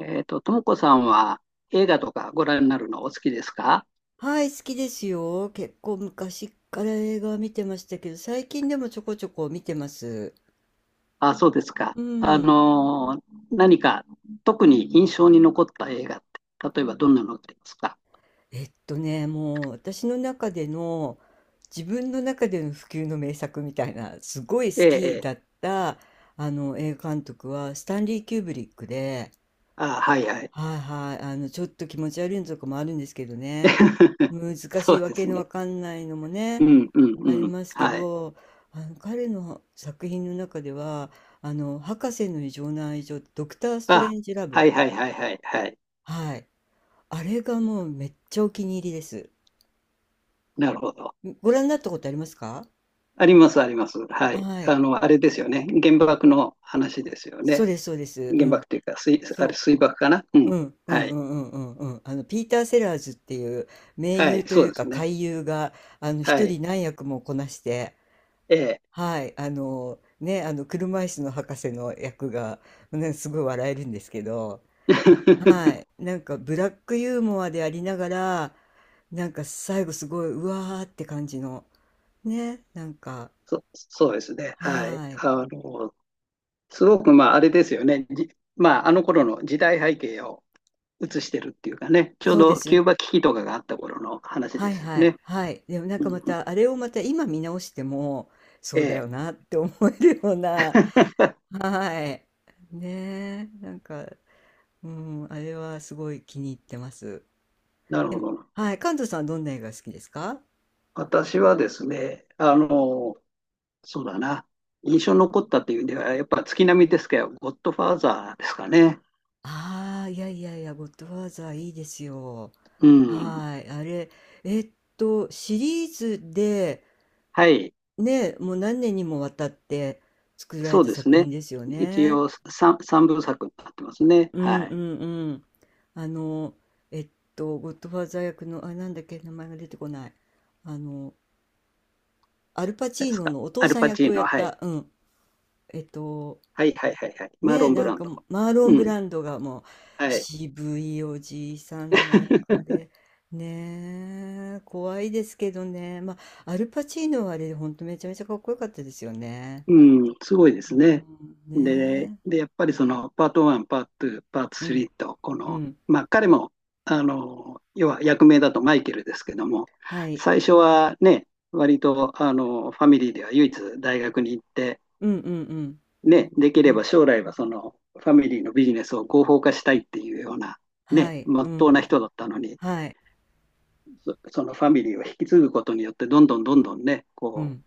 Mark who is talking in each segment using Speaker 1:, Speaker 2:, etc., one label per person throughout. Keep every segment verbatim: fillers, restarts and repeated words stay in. Speaker 1: えっと、ともこさんは映画とかご覧になるのお好きですか？
Speaker 2: はい、好きですよ。結構昔から映画は見てましたけど、最近でもちょこちょこ見てます。
Speaker 1: あ、そうですか。
Speaker 2: う
Speaker 1: あ
Speaker 2: ん。
Speaker 1: のー何か特に印象に残った映画って、例えばどんなのがありますか？
Speaker 2: えっとね、もう私の中での、自分の中での不朽の名作みたいな、すごい
Speaker 1: え
Speaker 2: 好
Speaker 1: え、
Speaker 2: き
Speaker 1: ええ。
Speaker 2: だった、あの、映画監督は、スタンリー・キューブリックで、
Speaker 1: あ、はいはい。
Speaker 2: はいはい、あの、ちょっと気持ち悪いのとかもあるんですけどね。難
Speaker 1: そ
Speaker 2: しい
Speaker 1: う
Speaker 2: わ
Speaker 1: で
Speaker 2: け
Speaker 1: す
Speaker 2: の
Speaker 1: ね。
Speaker 2: わかんないのも
Speaker 1: う
Speaker 2: ね、
Speaker 1: んう
Speaker 2: あ
Speaker 1: ん
Speaker 2: り
Speaker 1: うん。
Speaker 2: ますけ
Speaker 1: はい。
Speaker 2: ど、あの彼の作品の中では、あの「博士の異常な愛情」ドクター・スト
Speaker 1: あ、
Speaker 2: レンジ・ラブ、
Speaker 1: はいはいはいはいはい。
Speaker 2: はい。あれがもうめっちゃお気に入りです。
Speaker 1: なるほど。
Speaker 2: ん、ご覧になったことありますか？
Speaker 1: ありますあります。はい。
Speaker 2: はい。
Speaker 1: あの、あれですよね。原爆の話ですよ
Speaker 2: そう
Speaker 1: ね。
Speaker 2: ですそうです。う
Speaker 1: 原
Speaker 2: ん。
Speaker 1: 爆というか、水、あ
Speaker 2: そ
Speaker 1: れ
Speaker 2: う。
Speaker 1: 水爆かな。うん。
Speaker 2: うんう
Speaker 1: は
Speaker 2: んう
Speaker 1: い。
Speaker 2: んうんうんうん。あのピーター・セラーズっていう名
Speaker 1: は
Speaker 2: 優
Speaker 1: い。
Speaker 2: と
Speaker 1: そ
Speaker 2: い
Speaker 1: う
Speaker 2: う
Speaker 1: で
Speaker 2: か
Speaker 1: すね。
Speaker 2: 怪優が、あの
Speaker 1: は
Speaker 2: 一
Speaker 1: い。
Speaker 2: 人何役もこなして、
Speaker 1: ええ。
Speaker 2: はい、あのね、あの車椅子の博士の役が、ね、すごい笑えるんですけど。はい。なんかブラックユーモアでありながら、なんか最後すごい、うわーって感じの。ね。なんか、
Speaker 1: そ、そうですね。はい。
Speaker 2: はい。
Speaker 1: あの、すごく、まあ、あれですよね。じまあ、あの頃の時代背景を映してるっていうかね、ちょう
Speaker 2: そうで
Speaker 1: ど
Speaker 2: すよ
Speaker 1: キュー
Speaker 2: ね。
Speaker 1: バ危機とかがあった頃の話
Speaker 2: は
Speaker 1: で
Speaker 2: い
Speaker 1: すよ
Speaker 2: はい
Speaker 1: ね。
Speaker 2: はい。でもなん
Speaker 1: う
Speaker 2: か
Speaker 1: ん
Speaker 2: ま
Speaker 1: うん、
Speaker 2: た、あれをまた今見直しても、そ
Speaker 1: え
Speaker 2: うだ
Speaker 1: え。
Speaker 2: よなって思えるような。はい。ねえ。なんか、うん、あれはすごい気に入ってます。
Speaker 1: なるほ
Speaker 2: え、
Speaker 1: ど。
Speaker 2: はい。関東さんはどんな映画好きですか？
Speaker 1: 私はですね、あの、そうだな。印象に残ったっていう意味では、やっぱ月並みですけど、ゴッドファーザーですかね。
Speaker 2: ああ、いやいやいや、ゴッドファーザーいいですよ。
Speaker 1: うん。
Speaker 2: はい。あれ、えっと、シリーズで、
Speaker 1: はい。
Speaker 2: ね、もう何年にもわたって作られ
Speaker 1: そう
Speaker 2: た
Speaker 1: です
Speaker 2: 作品
Speaker 1: ね。
Speaker 2: ですよ
Speaker 1: 一
Speaker 2: ね。
Speaker 1: 応3、三部作になってますね。
Speaker 2: うん
Speaker 1: は
Speaker 2: う
Speaker 1: い。
Speaker 2: んうん。あの、えっと、ゴッドファーザー役の、あ、なんだっけ、名前が出てこない。あの、アルパチ
Speaker 1: で
Speaker 2: ー
Speaker 1: す
Speaker 2: ノ
Speaker 1: か。
Speaker 2: のお父
Speaker 1: アル
Speaker 2: さん
Speaker 1: パチ
Speaker 2: 役を
Speaker 1: ー
Speaker 2: やっ
Speaker 1: ノ、はい。
Speaker 2: た、うん。えっと、
Speaker 1: はいはいはいはい。マーロ
Speaker 2: ね、
Speaker 1: ン・
Speaker 2: な
Speaker 1: ブ
Speaker 2: ん
Speaker 1: ラン
Speaker 2: かも
Speaker 1: ド。
Speaker 2: マーロ
Speaker 1: う
Speaker 2: ン・ブ
Speaker 1: ん、
Speaker 2: ランドがもう
Speaker 1: はい。
Speaker 2: 渋いおじいさんの役 で、ねえ、怖いですけどね、まあ、アルパチーノはあれ、ほんとめちゃめちゃかっこよかったですよね。
Speaker 1: うん、すごいで
Speaker 2: う
Speaker 1: すね。
Speaker 2: ん、
Speaker 1: で、
Speaker 2: ね
Speaker 1: で、やっぱりそのパートワン、パートツー、パート
Speaker 2: え、うん、
Speaker 1: スリーと、こ
Speaker 2: う
Speaker 1: の、
Speaker 2: ん、
Speaker 1: まあ彼も、あの、要は役名だとマイケルですけども、
Speaker 2: はい、
Speaker 1: 最初はね、割と、あの、ファミリーでは唯一大学に行って、
Speaker 2: うん、うん、うん、
Speaker 1: ね、でき
Speaker 2: う
Speaker 1: れ
Speaker 2: ん、
Speaker 1: ば将来はそのファミリーのビジネスを合法化したいっていうような、
Speaker 2: は
Speaker 1: ね、
Speaker 2: い、
Speaker 1: ま
Speaker 2: う
Speaker 1: っとう
Speaker 2: ん、
Speaker 1: な人だったのに、
Speaker 2: はい、
Speaker 1: そのファミリーを引き継ぐことによって、どんどんどんどんね、
Speaker 2: う
Speaker 1: こ
Speaker 2: ん、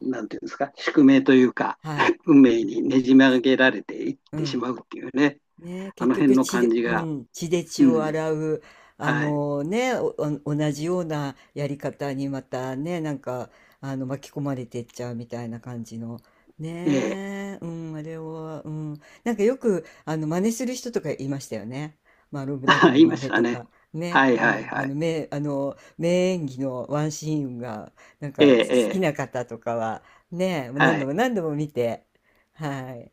Speaker 1: う、なんていうんですか、宿命というか、
Speaker 2: はい、
Speaker 1: 運命にねじ曲げられていっ
Speaker 2: う
Speaker 1: てし
Speaker 2: ん。
Speaker 1: まうっていうね、
Speaker 2: ね、
Speaker 1: あ
Speaker 2: 結
Speaker 1: の辺
Speaker 2: 局
Speaker 1: の
Speaker 2: 血
Speaker 1: 感
Speaker 2: で、
Speaker 1: じ
Speaker 2: う
Speaker 1: が、
Speaker 2: ん、血で
Speaker 1: う
Speaker 2: 血を
Speaker 1: ん、
Speaker 2: 洗う、あ
Speaker 1: はい、
Speaker 2: のね、お、お同じようなやり方にまたね、なんか、あの、巻き込まれてっちゃうみたいな感じの、
Speaker 1: ええ、
Speaker 2: ねえ、うん、あれは、うん、なんかよく、あの、真似する人とかいましたよね。マロン・ ブランド
Speaker 1: あ、
Speaker 2: の
Speaker 1: 言い
Speaker 2: 真
Speaker 1: まし
Speaker 2: 似
Speaker 1: た
Speaker 2: と
Speaker 1: ね。
Speaker 2: か、ね、
Speaker 1: はい
Speaker 2: う
Speaker 1: はい
Speaker 2: ん、あ
Speaker 1: は
Speaker 2: の、
Speaker 1: い。
Speaker 2: 名、あの、名演技のワンシーンが、なん
Speaker 1: え
Speaker 2: か好
Speaker 1: え、え
Speaker 2: き
Speaker 1: え、
Speaker 2: な方とかは、ね、もう何
Speaker 1: は
Speaker 2: 度
Speaker 1: い、
Speaker 2: も何度も見て、はい、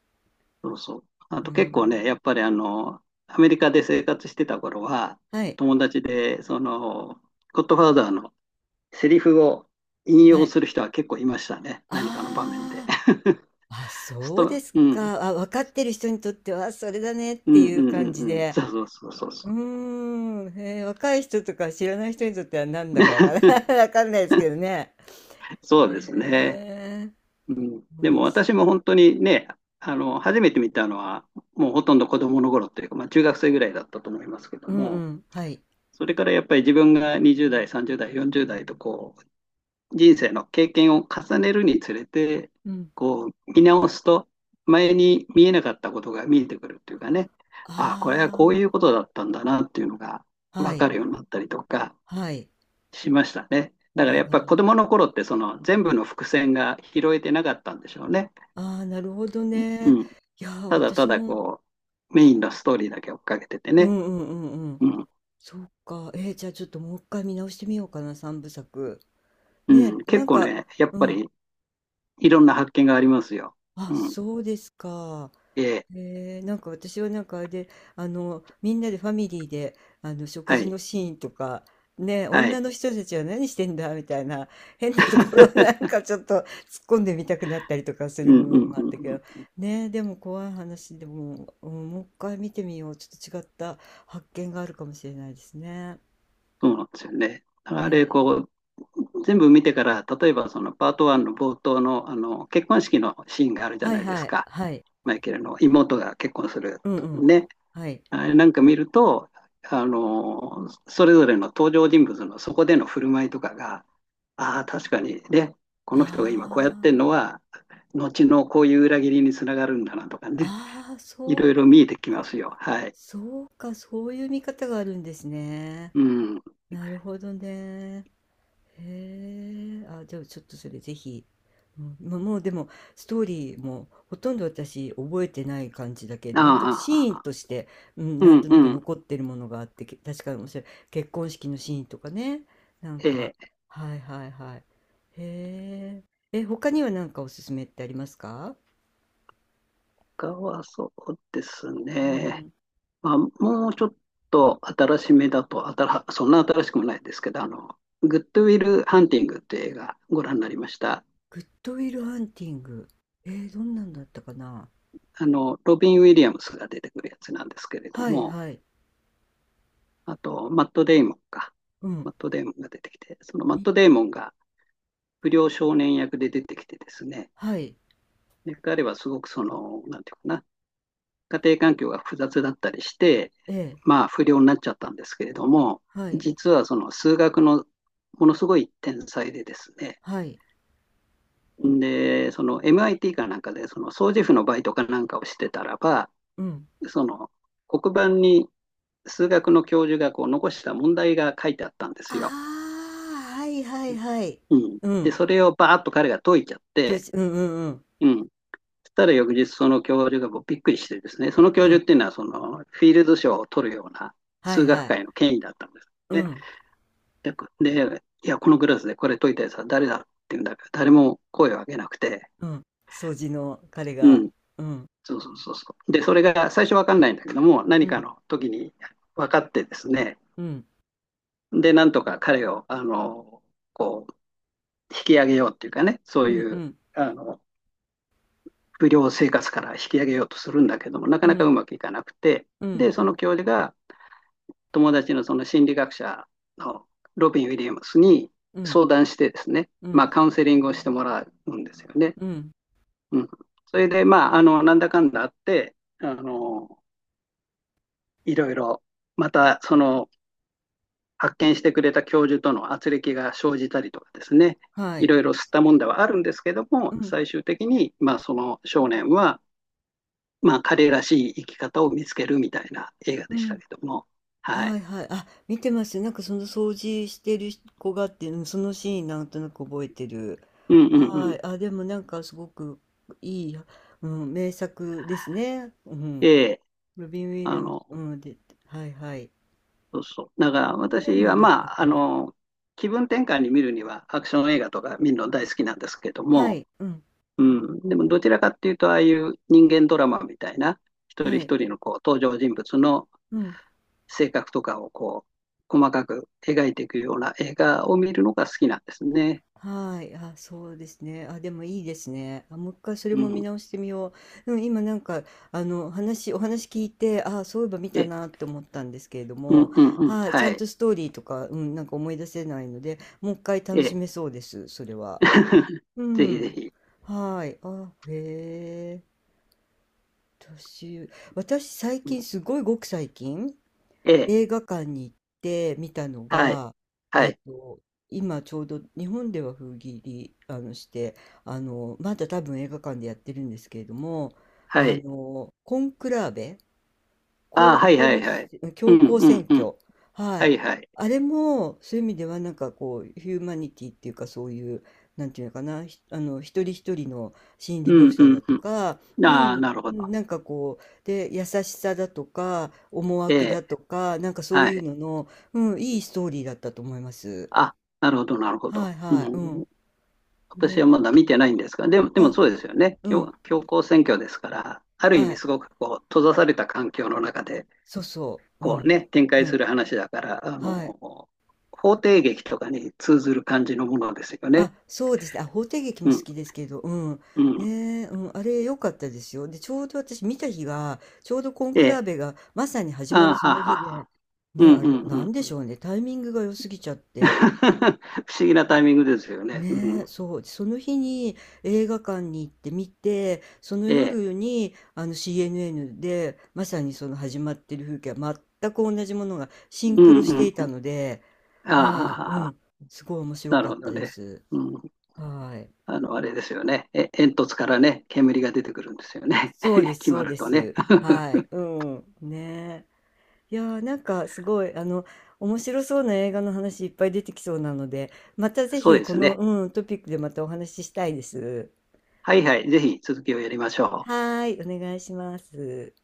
Speaker 1: そうそう。あ
Speaker 2: う
Speaker 1: と結構
Speaker 2: ん、
Speaker 1: ね、やっぱりあの、アメリカで生活してた頃は、
Speaker 2: はい、
Speaker 1: 友達で、その、ゴッドファーザーのセリフを引
Speaker 2: は
Speaker 1: 用
Speaker 2: い。
Speaker 1: する人は結構いましたね、何かの場面で。
Speaker 2: ああ、あ、
Speaker 1: ス
Speaker 2: そうで
Speaker 1: ト、
Speaker 2: す
Speaker 1: うん、うん、
Speaker 2: か。あ、分かってる人にとっては、それだねっ
Speaker 1: う
Speaker 2: て
Speaker 1: ん、う
Speaker 2: いう
Speaker 1: ん、
Speaker 2: 感じ
Speaker 1: うん、
Speaker 2: で。
Speaker 1: そうそうそう
Speaker 2: う
Speaker 1: そ
Speaker 2: ー
Speaker 1: う。
Speaker 2: ん、へー若い人とか知らない人にとってはなんだかわから ない、わかんないですけどね。
Speaker 1: そう
Speaker 2: へ
Speaker 1: ですね。
Speaker 2: え、面
Speaker 1: でも
Speaker 2: も
Speaker 1: 私
Speaker 2: し
Speaker 1: も本当にね、あの、初めて見たのは、もうほとんど子供の頃っていうか、まあ中学生ぐらいだったと思いますけど
Speaker 2: うんう
Speaker 1: も、
Speaker 2: ん、はい。
Speaker 1: それからやっぱり自分がにじゅう代、さんじゅう代、よんじゅう代とこう、人生の経験を重ねるにつれて、
Speaker 2: うん。
Speaker 1: こう、見直すと、前に見えなかったことが見えてくるっていうかね、ああ、これはこう
Speaker 2: あ
Speaker 1: いうことだったんだなっていうのが
Speaker 2: あ、は
Speaker 1: 分か
Speaker 2: い、
Speaker 1: るようになったりとか、
Speaker 2: はい。
Speaker 1: しましたね。だから
Speaker 2: あ、
Speaker 1: やっ
Speaker 2: な
Speaker 1: ぱ
Speaker 2: るほ
Speaker 1: 子
Speaker 2: ど。
Speaker 1: 供の頃ってその全部の伏線が拾えてなかったんでしょうね。
Speaker 2: ああ、なるほど
Speaker 1: う
Speaker 2: ね。
Speaker 1: ん。
Speaker 2: いやー、
Speaker 1: ただた
Speaker 2: 私
Speaker 1: だ
Speaker 2: も、
Speaker 1: こう、メイ
Speaker 2: そ
Speaker 1: ン
Speaker 2: う、
Speaker 1: のストーリーだけ追っかけてて
Speaker 2: う
Speaker 1: ね。
Speaker 2: んうんうんうん。
Speaker 1: うん。
Speaker 2: そうか。えー、じゃあちょっともう一回見直してみようかな、三部作。
Speaker 1: う
Speaker 2: ね
Speaker 1: ん。
Speaker 2: え、
Speaker 1: 結
Speaker 2: なん
Speaker 1: 構
Speaker 2: か、
Speaker 1: ね、やっぱ
Speaker 2: うん、
Speaker 1: りいろんな発見がありますよ。
Speaker 2: あ、
Speaker 1: うん。
Speaker 2: そうですか。
Speaker 1: ええ。
Speaker 2: えー、なんか私はなんかあれで、あの、みんなでファミリーで、あの、食
Speaker 1: は
Speaker 2: 事
Speaker 1: い。
Speaker 2: のシーンとか、ねえ、
Speaker 1: は
Speaker 2: 女
Speaker 1: い。
Speaker 2: の人たちは何してんだみたいな、変なところをなん かちょっと突っ込んでみたくなったりとかす
Speaker 1: う
Speaker 2: る部
Speaker 1: ん
Speaker 2: 分
Speaker 1: うん
Speaker 2: も
Speaker 1: う
Speaker 2: あ
Speaker 1: ん
Speaker 2: ったけど、
Speaker 1: うん。
Speaker 2: ねえ、でも怖い話でも、うん、もう一回見てみよう。ちょっと違った発見があるかもしれないですね。
Speaker 1: そうなんですよね。だか
Speaker 2: へ
Speaker 1: らあれ、
Speaker 2: え、
Speaker 1: こう、全部見てから、例えばそのパートワンの冒頭の、あの結婚式のシーンがあるじゃ
Speaker 2: はい
Speaker 1: ないで
Speaker 2: は
Speaker 1: す
Speaker 2: い、
Speaker 1: か。
Speaker 2: はい。
Speaker 1: マイケルの妹が結婚する
Speaker 2: うんう
Speaker 1: と
Speaker 2: ん。
Speaker 1: ね。
Speaker 2: はい。
Speaker 1: なんか見ると、あの、それぞれの登場人物のそこでの振る舞いとかが、ああ、確かにね、この人が今こうやってる
Speaker 2: あ
Speaker 1: のは、後のこういう裏切りにつながるんだなとかね、
Speaker 2: あ、ああ、
Speaker 1: い
Speaker 2: そ
Speaker 1: ろ
Speaker 2: う
Speaker 1: いろ見えてきま
Speaker 2: か、
Speaker 1: すよ。はい。
Speaker 2: そうか、そういう見方があるんですね。
Speaker 1: うん。あ
Speaker 2: なるほどね。へえ、あ、じゃあちょっとそれぜひ。うん、ま、もうでもストーリーもほとんど私覚えてない感じだけど、なんとなくシーン
Speaker 1: あ、
Speaker 2: として、うん、
Speaker 1: う
Speaker 2: なんと
Speaker 1: ん
Speaker 2: な
Speaker 1: う
Speaker 2: く
Speaker 1: ん。
Speaker 2: 残ってるものがあって、け確かに面白い。結婚式のシーンとかね。なん
Speaker 1: え
Speaker 2: か、
Speaker 1: え、
Speaker 2: はいはいはい。へえ。え、他には何かおすすめってありますか？
Speaker 1: 他はそうです
Speaker 2: う
Speaker 1: ね。
Speaker 2: ん。
Speaker 1: まあ、もうちょっと新しめだと、新そんな新しくもないですけど、あの、グッドウィル・ハンティングっていう映画ご覧になりました？
Speaker 2: グッドウィルハンティング。えー、どんなんだったかな。
Speaker 1: あの、ロビン・ウィリアムスが出てくるやつなんですけれど
Speaker 2: はい
Speaker 1: も、
Speaker 2: はい。
Speaker 1: あと、マット・デイモンか。
Speaker 2: うん。
Speaker 1: マット・デイモンが出てきて、そのマッ
Speaker 2: み
Speaker 1: ト・デイモンが不良少年役で出てきてですね、
Speaker 2: はい。
Speaker 1: で彼はすごくその、なんていうかな、家庭環境が複雑だったりして、
Speaker 2: ええ。
Speaker 1: まあ、不良になっちゃったんですけれども、
Speaker 2: はい。
Speaker 1: 実はその数学のものすごい天才でですね、
Speaker 2: はい。
Speaker 1: で、その エムアイティー かなんかで、その掃除婦のバイトかなんかをしてたらば、
Speaker 2: うん。
Speaker 1: その黒板に数学の教授がこう残した問題が書いてあったんですよ。
Speaker 2: ああ、はいはいはい。
Speaker 1: うん、
Speaker 2: う
Speaker 1: で、
Speaker 2: ん。
Speaker 1: それをバーッと彼が解いちゃっ
Speaker 2: とい
Speaker 1: て、
Speaker 2: うんうんうん。
Speaker 1: うん、そしたら翌日その教授がこうびっくりしてですね、その教
Speaker 2: う
Speaker 1: 授
Speaker 2: ん。
Speaker 1: っていうのはそのフィールド賞を取るような
Speaker 2: はい
Speaker 1: 数学
Speaker 2: はい。
Speaker 1: 界の権威だったんです
Speaker 2: う
Speaker 1: ね。
Speaker 2: ん。
Speaker 1: で、いや、このクラスでこれ解いたやつは誰だっていうんだから、誰も声を上げなくて、
Speaker 2: うん。掃除の彼
Speaker 1: う
Speaker 2: が、
Speaker 1: ん、
Speaker 2: うん。
Speaker 1: そうそうそうそう。で、それが最初わかんないんだけども、
Speaker 2: う
Speaker 1: 何か
Speaker 2: ん。
Speaker 1: の時に分かってですね、
Speaker 2: うん。
Speaker 1: で、なんとか彼を、あの、こう、引き上げようっていうかね、そう
Speaker 2: うん
Speaker 1: い
Speaker 2: う
Speaker 1: う、
Speaker 2: ん。
Speaker 1: あの、不良生活から引き上げようとするんだけども、なか
Speaker 2: う
Speaker 1: なかう
Speaker 2: ん。
Speaker 1: まくいかなくて、
Speaker 2: う
Speaker 1: で、
Speaker 2: ん。
Speaker 1: その教授が友達のその心理学者のロビン・ウィリアムスに
Speaker 2: うん。
Speaker 1: 相談してですね、
Speaker 2: う
Speaker 1: まあ、
Speaker 2: ん。
Speaker 1: カウンセリングをしてもらうんですよね。
Speaker 2: うん。
Speaker 1: うん。それで、まあ、あの、なんだかんだあって、あの、いろいろ、また、その、発見してくれた教授との圧力が生じたりとかですね、
Speaker 2: は
Speaker 1: い
Speaker 2: い。
Speaker 1: ろいろ吸ったもんではあるんですけど
Speaker 2: う
Speaker 1: も、
Speaker 2: ん。
Speaker 1: 最終的に、まあ、その少年は、まあ、彼らしい生き方を見つけるみたいな映画
Speaker 2: う
Speaker 1: でした
Speaker 2: ん。
Speaker 1: けども、は
Speaker 2: は
Speaker 1: い。
Speaker 2: いはい。あ、見てますよ。なんかその掃除してる子がっていうの、そのシーンなんとなく覚えてる。
Speaker 1: うんうんう
Speaker 2: は
Speaker 1: ん。
Speaker 2: い。あ、でもなんかすごくいい、うん、名作ですね。うん。
Speaker 1: ええ、
Speaker 2: ロビン・ウィ
Speaker 1: あ
Speaker 2: リアムズ、
Speaker 1: の、
Speaker 2: うん、で、はいはい。
Speaker 1: そうそう。だから
Speaker 2: デー
Speaker 1: 私
Speaker 2: モン
Speaker 1: は、
Speaker 2: だっ
Speaker 1: ま
Speaker 2: た
Speaker 1: あ、あ
Speaker 2: か。
Speaker 1: の、気分転換に見るにはアクション映画とか見るの大好きなんですけど
Speaker 2: は
Speaker 1: も、
Speaker 2: い。うん。
Speaker 1: うん、でもどちらかっていうと、ああいう人間ドラマみたいな、一人
Speaker 2: はい。
Speaker 1: 一人のこう登場人物の
Speaker 2: うん。
Speaker 1: 性格とかをこう細かく描いていくような映画を見るのが好きなんですね。
Speaker 2: はい、あ、そうですね。あ、でもいいですね。あ、もう一回それ
Speaker 1: う
Speaker 2: も見
Speaker 1: ん、
Speaker 2: 直してみよう。うん、今なんか、あの、話、お話聞いて、あ、そういえば見た
Speaker 1: え、
Speaker 2: なって思ったんですけれど
Speaker 1: う
Speaker 2: も、
Speaker 1: んうんうん、
Speaker 2: はい、ち
Speaker 1: は
Speaker 2: ゃんと
Speaker 1: い。
Speaker 2: ストーリーとか、うん、なんか思い出せないので、もう一回楽
Speaker 1: え、
Speaker 2: しめそうです、それは。う
Speaker 1: ぜひぜ
Speaker 2: ん。
Speaker 1: ひ。
Speaker 2: はい。あ、へえ。私、私最
Speaker 1: うん、
Speaker 2: 近、すごいごく最近、
Speaker 1: え
Speaker 2: 映
Speaker 1: え、
Speaker 2: 画館に行って見たの
Speaker 1: はい、
Speaker 2: が、
Speaker 1: は
Speaker 2: えっ
Speaker 1: い、
Speaker 2: と、今ちょうど日本では封切りあのして、あの、まだ多分映画館でやってるんですけれども、
Speaker 1: は
Speaker 2: あ
Speaker 1: い。
Speaker 2: の、コンクラーベ
Speaker 1: ああ、
Speaker 2: 公
Speaker 1: はいはい
Speaker 2: 共
Speaker 1: はい。
Speaker 2: せ、
Speaker 1: う
Speaker 2: 教
Speaker 1: ん、う
Speaker 2: 皇
Speaker 1: ん、
Speaker 2: 選
Speaker 1: うん。
Speaker 2: 挙。は
Speaker 1: は
Speaker 2: い。
Speaker 1: いはい。
Speaker 2: あれも、そういう意味では、なんかこう、ヒューマニティっていうか、そういう、なんていうのかな、ひあの、一人一人の心理
Speaker 1: う
Speaker 2: 描
Speaker 1: ん、う
Speaker 2: 写だ
Speaker 1: ん、
Speaker 2: と
Speaker 1: う
Speaker 2: か、
Speaker 1: ん。
Speaker 2: う
Speaker 1: ああ、
Speaker 2: ん、
Speaker 1: なるほ
Speaker 2: う
Speaker 1: ど。
Speaker 2: んなんかこう、で、優しさだとか、思
Speaker 1: え
Speaker 2: 惑だ
Speaker 1: え、
Speaker 2: とか、なんかそう
Speaker 1: は
Speaker 2: いう
Speaker 1: い。
Speaker 2: のの、うん、いいストーリーだったと思います。
Speaker 1: あ、なるほど、なるほ
Speaker 2: は
Speaker 1: ど。
Speaker 2: い
Speaker 1: う
Speaker 2: はい、う
Speaker 1: ん、
Speaker 2: ん。
Speaker 1: 私
Speaker 2: ね、
Speaker 1: はまだ見てないんですが、でも、でも
Speaker 2: あ、
Speaker 1: そうですよね。
Speaker 2: う
Speaker 1: 強、
Speaker 2: ん、
Speaker 1: 強行選挙ですから、ある意
Speaker 2: は
Speaker 1: 味
Speaker 2: い、
Speaker 1: すごくこう、閉ざされた環境の中で、
Speaker 2: そうそう、う
Speaker 1: こう
Speaker 2: ん、
Speaker 1: ね、展開
Speaker 2: う
Speaker 1: す
Speaker 2: ん、
Speaker 1: る話だから、あ
Speaker 2: はい。
Speaker 1: の、法廷劇とかに通ずる感じのものですよね。
Speaker 2: あ、そうですね。あ、法廷劇も
Speaker 1: う
Speaker 2: 好
Speaker 1: ん、
Speaker 2: きですけど、うん。
Speaker 1: うん。
Speaker 2: ねえ、うん、あれ良かったですよ。で、ちょうど私見た日が、ちょうどコン
Speaker 1: え
Speaker 2: クラー
Speaker 1: え、
Speaker 2: ベがまさに始
Speaker 1: あ
Speaker 2: まる
Speaker 1: あ、
Speaker 2: そ
Speaker 1: はあ
Speaker 2: の
Speaker 1: はあ
Speaker 2: 日
Speaker 1: は
Speaker 2: で、
Speaker 1: あ。う
Speaker 2: ね、
Speaker 1: ん、
Speaker 2: あ
Speaker 1: う
Speaker 2: れ、な
Speaker 1: ん、
Speaker 2: んで
Speaker 1: うん。
Speaker 2: しょうね。タイミングが良すぎちゃっ て。
Speaker 1: 不思議なタイミングですよね。う
Speaker 2: ねえ、
Speaker 1: ん、
Speaker 2: そう。その日に映画館に行って見て、その
Speaker 1: ええ、
Speaker 2: 夜に、あの シーエヌエヌ で、まさにその始まってる風景は全く同じものがシン
Speaker 1: う
Speaker 2: クロして
Speaker 1: ん
Speaker 2: い
Speaker 1: う
Speaker 2: た
Speaker 1: ん。
Speaker 2: ので、はい、う
Speaker 1: ああ、
Speaker 2: ん。すごい面白
Speaker 1: なる
Speaker 2: かっ
Speaker 1: ほ
Speaker 2: た
Speaker 1: ど
Speaker 2: で
Speaker 1: ね。
Speaker 2: す。
Speaker 1: うん、
Speaker 2: はい。
Speaker 1: あの、あれですよね。え、煙突からね、煙が出てくるんですよね。
Speaker 2: そうで す、
Speaker 1: 決
Speaker 2: そ
Speaker 1: ま
Speaker 2: う
Speaker 1: る
Speaker 2: で
Speaker 1: とね。
Speaker 2: す。はい。うん。ねえ。いやー、なんかすごい、あの、面白そうな映画の話いっぱい出てきそうなので、またぜ
Speaker 1: そう
Speaker 2: ひ
Speaker 1: で
Speaker 2: こ
Speaker 1: す
Speaker 2: の、
Speaker 1: ね。
Speaker 2: うん、トピックでまたお話ししたいです。
Speaker 1: はいはい、ぜひ続きをやりましょう。
Speaker 2: はーい、お願いします。